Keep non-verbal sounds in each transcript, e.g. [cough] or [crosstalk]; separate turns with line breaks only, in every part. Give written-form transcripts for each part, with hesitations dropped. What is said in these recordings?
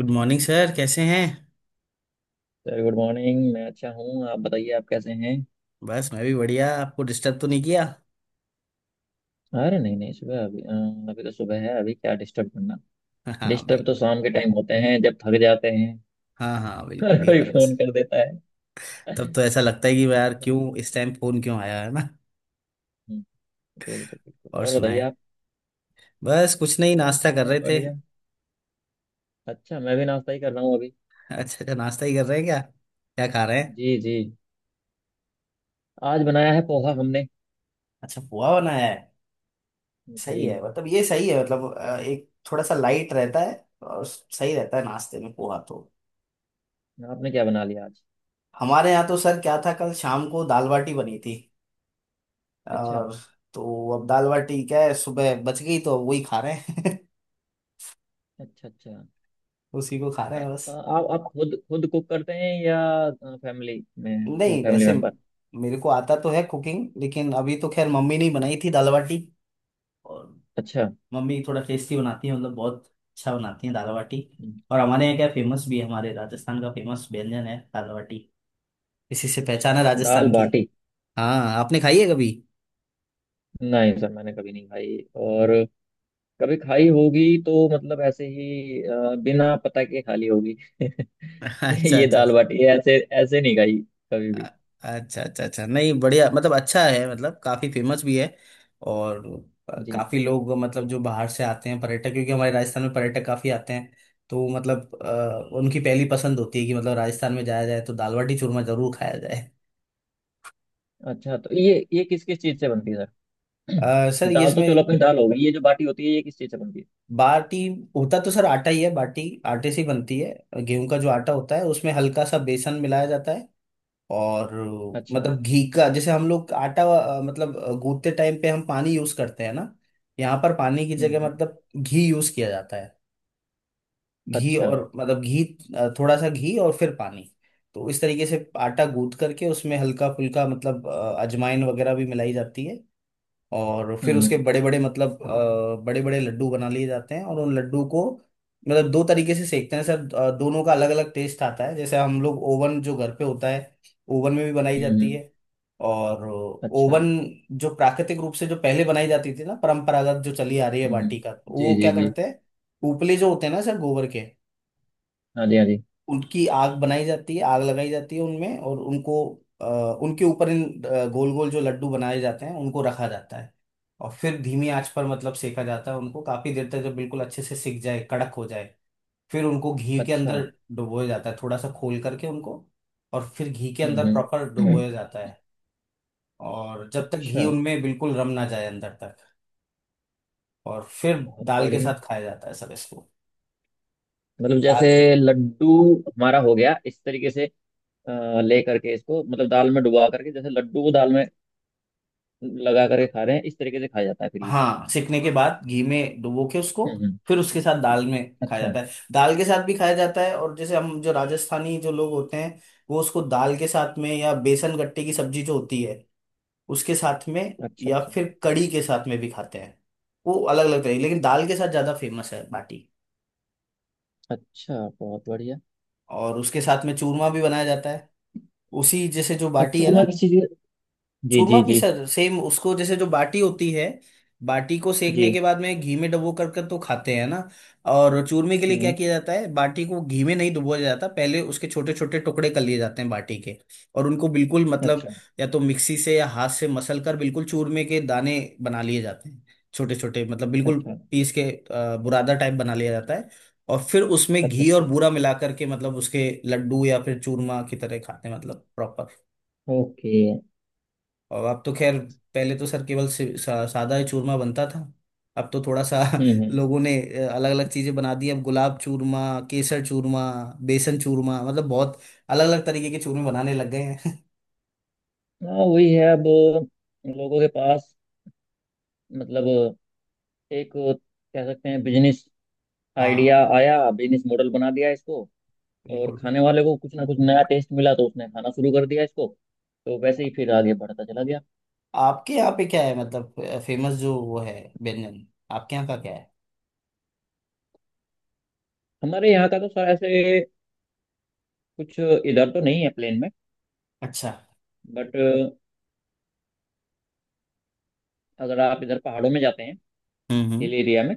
Good morning sir, कैसे हैं।
Sir good morning. मैं अच्छा हूँ। आप बताइए, आप कैसे हैं?
बस मैं भी बढ़िया, आपको डिस्टर्ब तो नहीं किया।
अरे नहीं नहीं, सुबह अभी अभी तो सुबह है। अभी क्या डिस्टर्ब करना।
[laughs] हाँ
डिस्टर्ब तो
बिल्कुल।
शाम के टाइम होते हैं जब थक जाते हैं
हाँ हाँ
[laughs]
बिल्कुल,
और
ये
कोई
बात तो
फोन
सर।
कर देता है।
तब तो ऐसा लगता है कि यार क्यों
हम्म,
इस टाइम फोन क्यों आया है ना।
बिल्कुल बिल्कुल।
और
और बताइए
सुनाए,
आप।
बस कुछ नहीं,
बस
नाश्ता कर
सर
रहे थे। [laughs]
बढ़िया। अच्छा मैं भी नाश्ता ही कर रहा हूँ अभी।
अच्छा अच्छा, नाश्ता ही कर रहे हैं क्या, क्या खा रहे हैं।
जी जी। आज बनाया है पोहा हमने।
अच्छा, पोहा बनाया है। सही है,
जी।
मतलब ये सही है मतलब, एक थोड़ा सा लाइट रहता है और सही रहता है नाश्ते में पोहा तो।
आपने क्या बना लिया आज?
हमारे यहाँ तो सर क्या था, कल शाम को दाल बाटी बनी थी
अच्छा
और तो अब दाल बाटी क्या है, सुबह बच गई तो वही खा रहे हैं।
अच्छा अच्छा।
[laughs] उसी को खा रहे
अ-
हैं बस।
आप खुद खुद कुक करते हैं या फैमिली में,
नहीं
फैमिली
वैसे
मेंबर?
मेरे को आता तो है कुकिंग, लेकिन अभी तो खैर मम्मी ने ही बनाई थी दाल बाटी। और
अच्छा।
मम्मी थोड़ा टेस्टी बनाती है, मतलब बहुत अच्छा बनाती है दाल बाटी।
हम्म।
और हमारे यहाँ क्या फेमस भी है, हमारे राजस्थान का फेमस व्यंजन है दाल बाटी, इसी से पहचान है
दाल
राजस्थान की।
बाटी?
हाँ, आपने खाई है कभी।
नहीं सर, मैंने कभी नहीं खाई। और कभी खाई होगी तो मतलब ऐसे ही बिना पता के खाली होगी।
[laughs] अच्छा
[laughs] ये
अच्छा।
दाल बाटी ये ऐसे ऐसे नहीं खाई कभी भी।
अ- अच्छा अच्छा अच्छा, नहीं बढ़िया, मतलब अच्छा है मतलब काफी फेमस भी है और
जी।
काफी लोग, मतलब जो बाहर से आते हैं पर्यटक, क्योंकि हमारे राजस्थान में पर्यटक काफी आते हैं, तो मतलब उनकी पहली पसंद होती है कि मतलब राजस्थान में जाया जाए तो दाल बाटी चूरमा जरूर खाया जाए।
अच्छा तो ये किस किस चीज से बनती है सर? [clears throat]
सर ये
दाल तो चलो
इसमें
अपनी दाल होगी, ये जो बाटी होती है ये किस चीज से बनती है?
बाटी होता तो सर आटा ही है, बाटी आटे से ही बनती है। गेहूं का जो आटा होता है उसमें हल्का सा बेसन मिलाया जाता है, और
अच्छा।
मतलब घी का, जैसे हम लोग आटा मतलब गूंथते टाइम पे हम पानी यूज करते हैं ना, यहाँ पर पानी की जगह
हम्म।
मतलब घी यूज किया जाता है। घी,
अच्छा
और मतलब घी थोड़ा सा घी और फिर पानी। तो इस तरीके से आटा गूंथ करके उसमें हल्का फुल्का मतलब अजवाइन वगैरह भी मिलाई जाती है। और फिर उसके
हम्म।
बड़े बड़े मतलब बड़े बड़े लड्डू बना लिए जाते हैं, और उन लड्डू को मतलब दो तरीके से सेकते हैं सर। दोनों का अलग अलग टेस्ट आता है। जैसे हम लोग ओवन जो घर पे होता है, ओवन में भी बनाई जाती
हम्म।
है। और
अच्छा।
ओवन जो प्राकृतिक रूप से जो पहले बनाई जाती थी ना, परंपरागत जो चली आ रही है बाटी
हम्म,
का, वो
जी जी
क्या
जी।
करते हैं, उपले जो होते हैं ना सर गोबर के,
हाँ जी, हाँ जी।
उनकी आग बनाई जाती है, आग लगाई जाती है उनमें, और उनको अ, उनके ऊपर इन गोल गोल जो लड्डू बनाए जाते हैं उनको रखा जाता है, और फिर धीमी आंच पर मतलब सेका जाता है उनको काफी देर तक, जब बिल्कुल अच्छे से सिक जाए, कड़क हो जाए, फिर उनको घी के
अच्छा।
अंदर डुबोया जाता है, थोड़ा सा खोल करके उनको, और फिर घी के अंदर प्रॉपर
हम्म।
डुबोया
[clears throat]
जाता है, और जब तक घी
अच्छा,
उनमें बिल्कुल रम ना जाए अंदर तक, और फिर
बहुत
दाल के
बढ़िया।
साथ खाया जाता है सर इसको।
मतलब
दाल,
जैसे लड्डू हमारा हो गया इस तरीके से। ले करके इसको, मतलब दाल में डुबा करके, जैसे लड्डू को दाल में लगा करके खा रहे हैं, इस तरीके से खाया जाता है फिर ये।
हाँ, सिकने के बाद घी में डुबो के उसको
हम्म।
फिर उसके साथ दाल में खाया
अच्छा
जाता है, दाल के साथ भी खाया जाता है। और जैसे हम जो राजस्थानी जो लोग होते हैं, वो उसको दाल के साथ में या बेसन गट्टे की सब्जी जो होती है उसके साथ में
अच्छा
या
अच्छा।
फिर कड़ी के साथ में भी खाते हैं। वो अलग अलग तरह, लेकिन दाल के साथ ज्यादा फेमस है बाटी।
अच्छा बहुत बढ़िया।
और उसके साथ में चूरमा भी बनाया जाता है, उसी जैसे जो
और
बाटी है
चूरमा
ना।
किसी चीज? जी
चूरमा
जी जी।
पिसा, सेम उसको, जैसे जो बाटी होती है, बाटी को सेकने
जी।
के बाद में घी में डुबो कर कर तो खाते हैं ना, और चूरमे के लिए क्या
हम्म।
किया जाता है, बाटी को घी में नहीं डुबोया जाता, पहले उसके छोटे छोटे टुकड़े कर लिए जाते हैं बाटी के, और उनको बिल्कुल मतलब,
अच्छा
या तो मिक्सी से या हाथ से मसल कर बिल्कुल चूरमे के दाने बना लिए जाते हैं, छोटे छोटे मतलब बिल्कुल
अच्छा
पीस के, बुरादा टाइप बना लिया जाता है। और फिर उसमें
अच्छा।
घी
अच्छा
और बूरा मिला करके मतलब उसके लड्डू या फिर चूरमा की तरह खाते हैं मतलब।
ओके।
और अब तो खैर, पहले तो सर केवल सादा ही चूरमा बनता था, अब तो थोड़ा सा [laughs]
हम्म।
लोगों ने अलग अलग चीजें बना दी। अब गुलाब चूरमा, केसर चूरमा, बेसन चूरमा, मतलब बहुत अलग अलग तरीके के चूरमे बनाने लग गए हैं।
हाँ वही है अब लोगों के पास। मतलब एक, कह सकते हैं, बिजनेस
[laughs]
आइडिया
हाँ
आया, बिजनेस मॉडल बना दिया इसको। और
बिल्कुल
खाने
बिल्कुल।
वाले को कुछ ना कुछ नया टेस्ट मिला तो उसने खाना शुरू कर दिया इसको। तो वैसे ही फिर आगे बढ़ता चला गया।
आपके यहाँ पे क्या है मतलब फेमस जो वो है व्यंजन, आपके यहाँ का क्या है।
हमारे यहाँ का तो सर ऐसे कुछ इधर तो नहीं है प्लेन में।
अच्छा।
बट अगर आप इधर पहाड़ों में जाते हैं,
हम्म।
हिल एरिया में,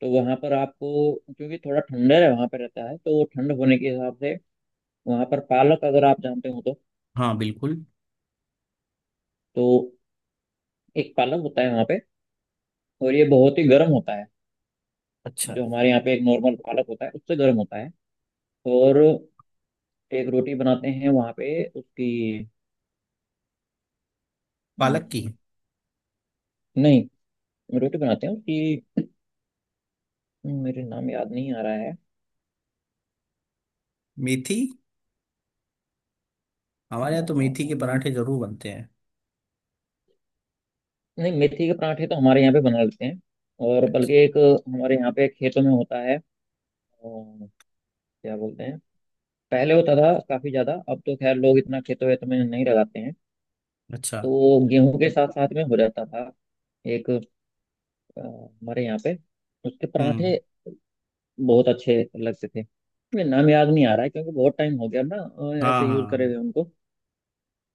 तो वहाँ पर आपको, क्योंकि थोड़ा ठंडर है वहाँ पर रहता है, तो वो ठंड होने के हिसाब से वहाँ पर पालक, अगर आप जानते हो तो।
हाँ बिल्कुल।
तो एक पालक होता है वहाँ पे, और ये बहुत ही गर्म होता है।
अच्छा।
जो हमारे यहाँ पे एक नॉर्मल पालक होता है उससे गर्म होता है। और एक रोटी बनाते हैं वहाँ पे उसकी।
पालक की।
नहीं, रोटी बनाते हैं कि, मेरे नाम याद नहीं आ रहा है।
मेथी, हमारे
ना
यहाँ तो
ना
मेथी
ना
के
ना,
पराठे जरूर बनते हैं।
नहीं मेथी के पराठे तो हमारे यहाँ पे बना लेते हैं। और बल्कि
अच्छा
एक हमारे यहाँ पे खेतों में होता है। अ, क्या बोलते हैं? पहले होता था काफी ज्यादा, अब तो खैर लोग इतना खेतों वेतों में नहीं लगाते हैं।
अच्छा।
तो गेहूं के साथ साथ में हो जाता था एक, हमारे यहाँ पे। उसके पराठे
हम्म।
बहुत अच्छे लगते थे। मुझे नाम याद नहीं आ रहा है, क्योंकि बहुत टाइम हो गया ना
हाँ
ऐसे
हाँ
यूज करे हुए
हाँ,
उनको।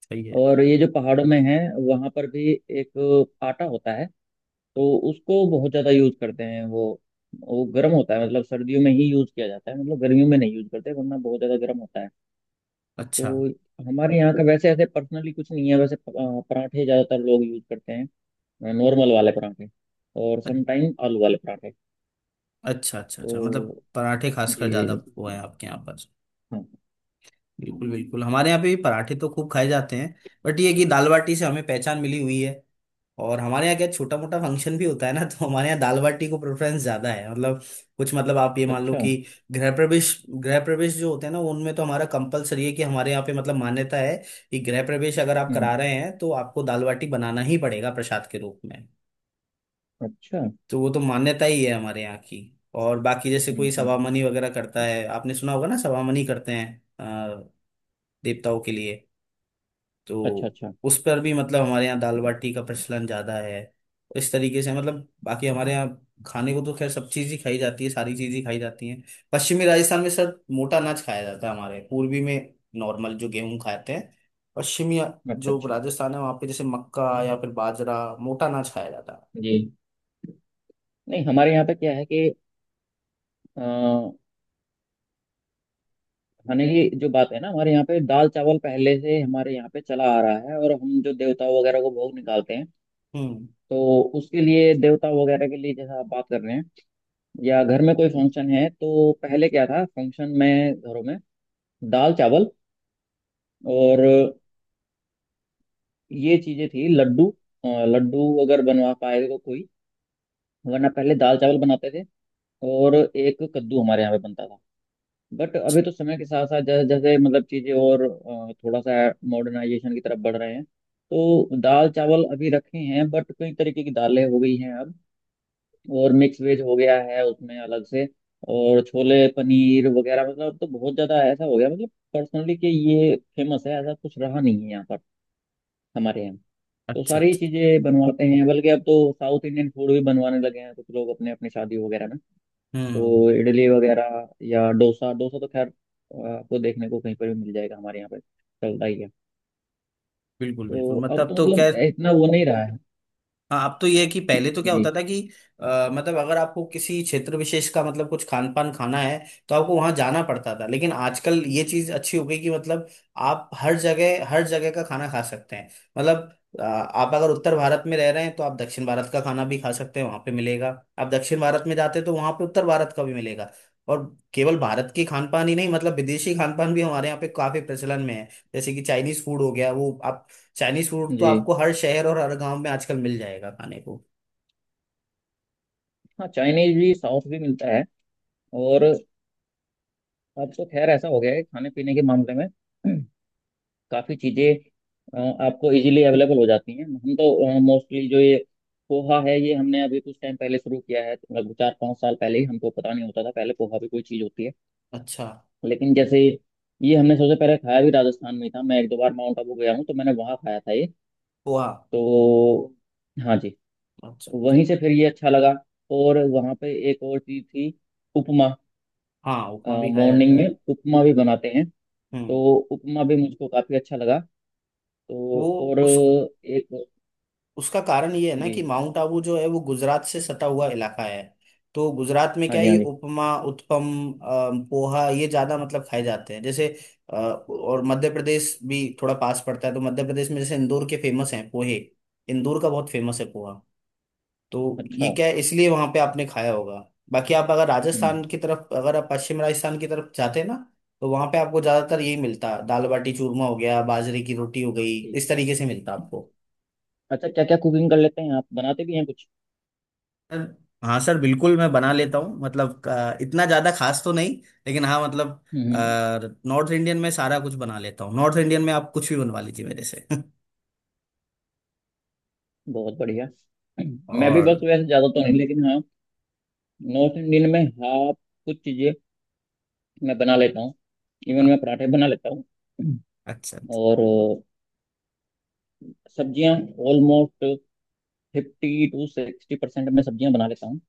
सही है।
और ये जो पहाड़ों में है वहां पर भी एक आटा होता है, तो उसको बहुत ज्यादा यूज करते हैं वो। वो गर्म होता है, मतलब सर्दियों में ही यूज किया जाता है, मतलब गर्मियों में नहीं यूज करते वरना बहुत ज्यादा गर्म होता है।
अच्छा।
तो हमारे यहाँ का वैसे ऐसे पर्सनली कुछ नहीं है। पराठे ज्यादातर लोग यूज करते हैं, नॉर्मल वाले पराठे, और
अ-
समटाइम आलू वाले पराठे।
अच्छा अच्छा
तो
अच्छा, मतलब पराठे
जी
खासकर ज्यादा
जी
वो है
जी।
आपके यहाँ पर।
हाँ।
बिल्कुल बिल्कुल, हमारे यहाँ पे भी पराठे तो खूब खाए जाते हैं, बट ये है कि दाल बाटी से हमें पहचान मिली हुई है, और हमारे यहाँ क्या छोटा मोटा फंक्शन भी होता है ना, तो हमारे यहाँ दाल बाटी को प्रेफरेंस ज्यादा है। मतलब कुछ मतलब आप ये मान लो
अच्छा।
कि गृह प्रवेश, गृह प्रवेश जो होते हैं ना, उनमें तो हमारा कंपलसरी है कि हमारे यहाँ पे मतलब मान्यता है कि गृह प्रवेश अगर आप
हम्म।
करा रहे हैं तो आपको दाल बाटी बनाना ही पड़ेगा प्रसाद के रूप में।
अच्छा
तो वो तो मान्यता ही है हमारे यहाँ की। और बाकी जैसे कोई
हम्म।
सवामनी वगैरह करता है, आपने सुना होगा ना, सवामनी करते हैं देवताओं के लिए,
अच्छा
तो
अच्छा
उस पर भी मतलब हमारे यहाँ दाल बाटी का प्रचलन ज्यादा है। इस तरीके से मतलब, बाकी हमारे यहाँ खाने को तो खैर सब चीज ही खाई जाती है, सारी चीज ही खाई जाती है। पश्चिमी राजस्थान में सर मोटा अनाज खाया जाता है, हमारे पूर्वी में नॉर्मल जो गेहूं खाते हैं। पश्चिमी
अच्छा
जो
अच्छा।
राजस्थान है वहाँ पे जैसे मक्का या फिर बाजरा मोटा अनाज खाया जाता है।
जी नहीं, हमारे यहाँ पे क्या है कि अ, खाने की जो बात है ना, हमारे यहाँ पे दाल चावल पहले से हमारे यहाँ पे चला आ रहा है। और हम जो देवता वगैरह को भोग निकालते हैं,
हम्म।
तो उसके लिए, देवता वगैरह के लिए, जैसा आप बात कर रहे हैं, या घर में कोई फंक्शन है, तो पहले क्या था, फंक्शन में घरों में दाल चावल और ये चीजें थी। लड्डू, लड्डू अगर बनवा पाए तो कोई, वरना पहले दाल चावल बनाते थे। और एक कद्दू हमारे यहाँ पे बनता था। बट अभी तो समय के साथ साथ जैसे जैसे मतलब चीजें और, थोड़ा सा मॉडर्नाइजेशन की तरफ बढ़ रहे हैं, तो दाल चावल अभी रखे हैं बट कई तरीके की दालें हो गई हैं अब। और मिक्स वेज हो गया है उसमें अलग से। और छोले पनीर वगैरह, मतलब तो बहुत ज्यादा ऐसा हो गया, मतलब पर्सनली कि ये फेमस है ऐसा कुछ रहा नहीं है यहाँ पर हमारे यहाँ। तो
अच्छा अच्छा।
सारी चीजें बनवाते हैं, बल्कि अब तो साउथ इंडियन फूड भी बनवाने लगे हैं कुछ लोग अपने अपने शादी वगैरह में।
हम्म।
तो इडली वगैरह या डोसा, डोसा तो खैर आपको देखने को कहीं पर भी मिल जाएगा, हमारे यहाँ पे चलता ही है।
बिल्कुल
तो
बिल्कुल
अब
मतलब,
तो
तो क्या,
मतलब इतना वो नहीं रहा है।
हाँ अब तो ये है कि पहले तो क्या होता
जी
था कि मतलब अगर आपको किसी क्षेत्र विशेष का मतलब कुछ खान पान खाना है तो आपको वहां जाना पड़ता था, लेकिन आजकल ये चीज अच्छी हो गई कि मतलब आप हर जगह का खाना खा सकते हैं। मतलब आप अगर उत्तर भारत में रह रहे हैं तो आप दक्षिण भारत का खाना भी खा सकते हैं, वहां पे मिलेगा। आप दक्षिण भारत में जाते हैं तो वहां पे उत्तर भारत का भी मिलेगा। और केवल भारत के खान पान ही नहीं, मतलब विदेशी खान पान भी हमारे यहाँ पे काफी प्रचलन में है। जैसे कि चाइनीज फूड हो गया वो आप, चाइनीज फूड तो
जी।
आपको हर शहर और हर गांव में आजकल मिल जाएगा खाने को।
हाँ, चाइनीज भी साउथ भी मिलता है। और अब तो खैर ऐसा हो गया है खाने पीने के मामले में। [clears throat] काफ़ी चीज़ें आपको इजीली अवेलेबल हो जाती हैं। हम तो मोस्टली, जो ये पोहा है, ये हमने अभी कुछ टाइम पहले शुरू किया है, लगभग 4-5 साल पहले ही। हमको पता नहीं होता था पहले पोहा भी कोई चीज़ होती है।
अच्छा।
लेकिन जैसे, ये हमने सबसे पहले खाया भी राजस्थान में ही था। मैं 1-2 बार माउंट आबू गया हूँ तो मैंने वहाँ खाया था ये।
पोहा।
तो हाँ जी।
अच्छा अच्छा।
वहीं से फिर ये अच्छा लगा। और वहाँ पे एक और चीज़ थी, उपमा।
हाँ उपमा भी खाया जाता
मॉर्निंग
है।
में उपमा भी बनाते हैं।
हम्म।
तो उपमा भी मुझको काफ़ी अच्छा लगा। तो
वो
और
उस
एक।
उसका कारण ये है ना कि
जी
माउंट आबू जो है वो गुजरात से सटा हुआ इलाका है, तो गुजरात में
हाँ
क्या है
जी,
ये
हाँ जी।
उपमा उत्पम पोहा ये ज्यादा मतलब खाए जाते हैं। जैसे और मध्य प्रदेश भी थोड़ा पास पड़ता है, तो मध्य प्रदेश में जैसे इंदौर के फेमस हैं पोहे, इंदौर का बहुत फेमस है पोहा, तो ये
अच्छा।
क्या है इसलिए वहां पे आपने खाया होगा। बाकी आप अगर राजस्थान की
हम्म।
तरफ, अगर आप पश्चिम राजस्थान की तरफ जाते हैं ना, तो वहां पे आपको ज्यादातर यही मिलता है, दाल बाटी चूरमा हो गया, बाजरे की रोटी हो गई,
ठीक।
इस तरीके से मिलता आपको।
अच्छा, क्या क्या कुकिंग कर लेते हैं आप? बनाते भी हैं कुछ?
सर, हाँ सर बिल्कुल मैं बना लेता हूँ, मतलब इतना ज्यादा खास तो नहीं, लेकिन हाँ मतलब
हम्म।
नॉर्थ इंडियन में सारा कुछ बना लेता हूँ, नॉर्थ इंडियन में आप कुछ भी बनवा लीजिए मेरे से। [laughs]
बहुत बढ़िया। मैं भी बस
और
वैसे ज़्यादा तो नहीं, लेकिन हाँ नॉर्थ इंडियन में हाँ कुछ चीजें मैं बना लेता हूँ। इवन मैं
हाँ।
पराठे बना लेता हूँ।
अच्छा अच्छा,
और सब्जियाँ, ऑलमोस्ट 50 to 60% मैं सब्जियाँ बना लेता हूँ।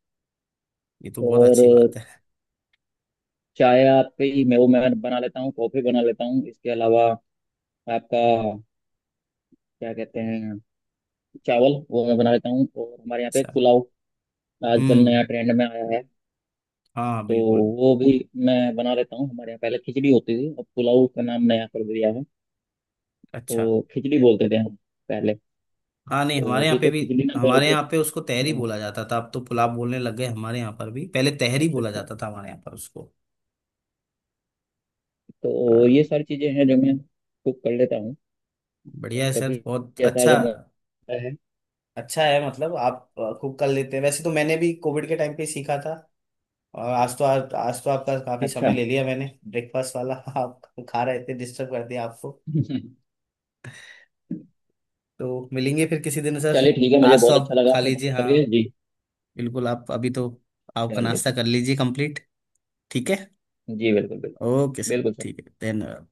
ये तो बहुत
और
अच्छी बात है।
चाय आपकी, मैं वो मैं बना लेता हूँ, कॉफ़ी बना लेता हूँ, इसके अलावा आपका क्या कहते हैं, चावल, वो मैं बना लेता हूँ। और हमारे यहाँ पे
अच्छा।
पुलाव आजकल
हम्म।
नया ट्रेंड में आया है,
हाँ
तो
बिल्कुल।
वो भी मैं बना लेता हूँ। हमारे यहाँ पहले खिचड़ी होती थी, अब पुलाव का नाम नया कर दिया है।
अच्छा।
तो खिचड़ी बोलते थे हम पहले।
हाँ नहीं
तो
हमारे यहाँ
अभी
पे
तो
भी,
खिचड़ी ना बोल
हमारे
के,
यहाँ पे उसको तहरी
हाँ।
बोला जाता था, अब तो पुलाव बोलने लग गए हमारे यहाँ पर भी, पहले तहरी
अच्छा
बोला
अच्छा।
जाता था हमारे यहाँ पर उसको। आ,
तो ये सारी चीजें हैं जो मैं कुक कर लेता हूँ।
बढ़िया
और
है
कभी
सर, बहुत
ऐसा
अच्छा,
अगर मौका है।
अच्छा है मतलब आप कुक कर लेते हैं। वैसे तो मैंने भी कोविड के टाइम पे ही सीखा था। और आज तो आज तो आपका काफी
अच्छा।
समय
[laughs]
ले लिया मैंने, ब्रेकफास्ट वाला [laughs] आप खा रहे थे, डिस्टर्ब कर दिया आपको। तो मिलेंगे फिर किसी दिन सर।
चलिए ठीक है, मुझे
आज तो
बहुत अच्छा
आप
लगा
खा
आपने बात
लीजिए, हाँ
करके जी।
बिल्कुल, आप अभी तो आपका
चलिए।
नाश्ता कर लीजिए कंप्लीट। ठीक है।
जी बिल्कुल बिल्कुल सर,
ओके सर,
बिल्कुल सर।
ठीक है, धन्यवाद।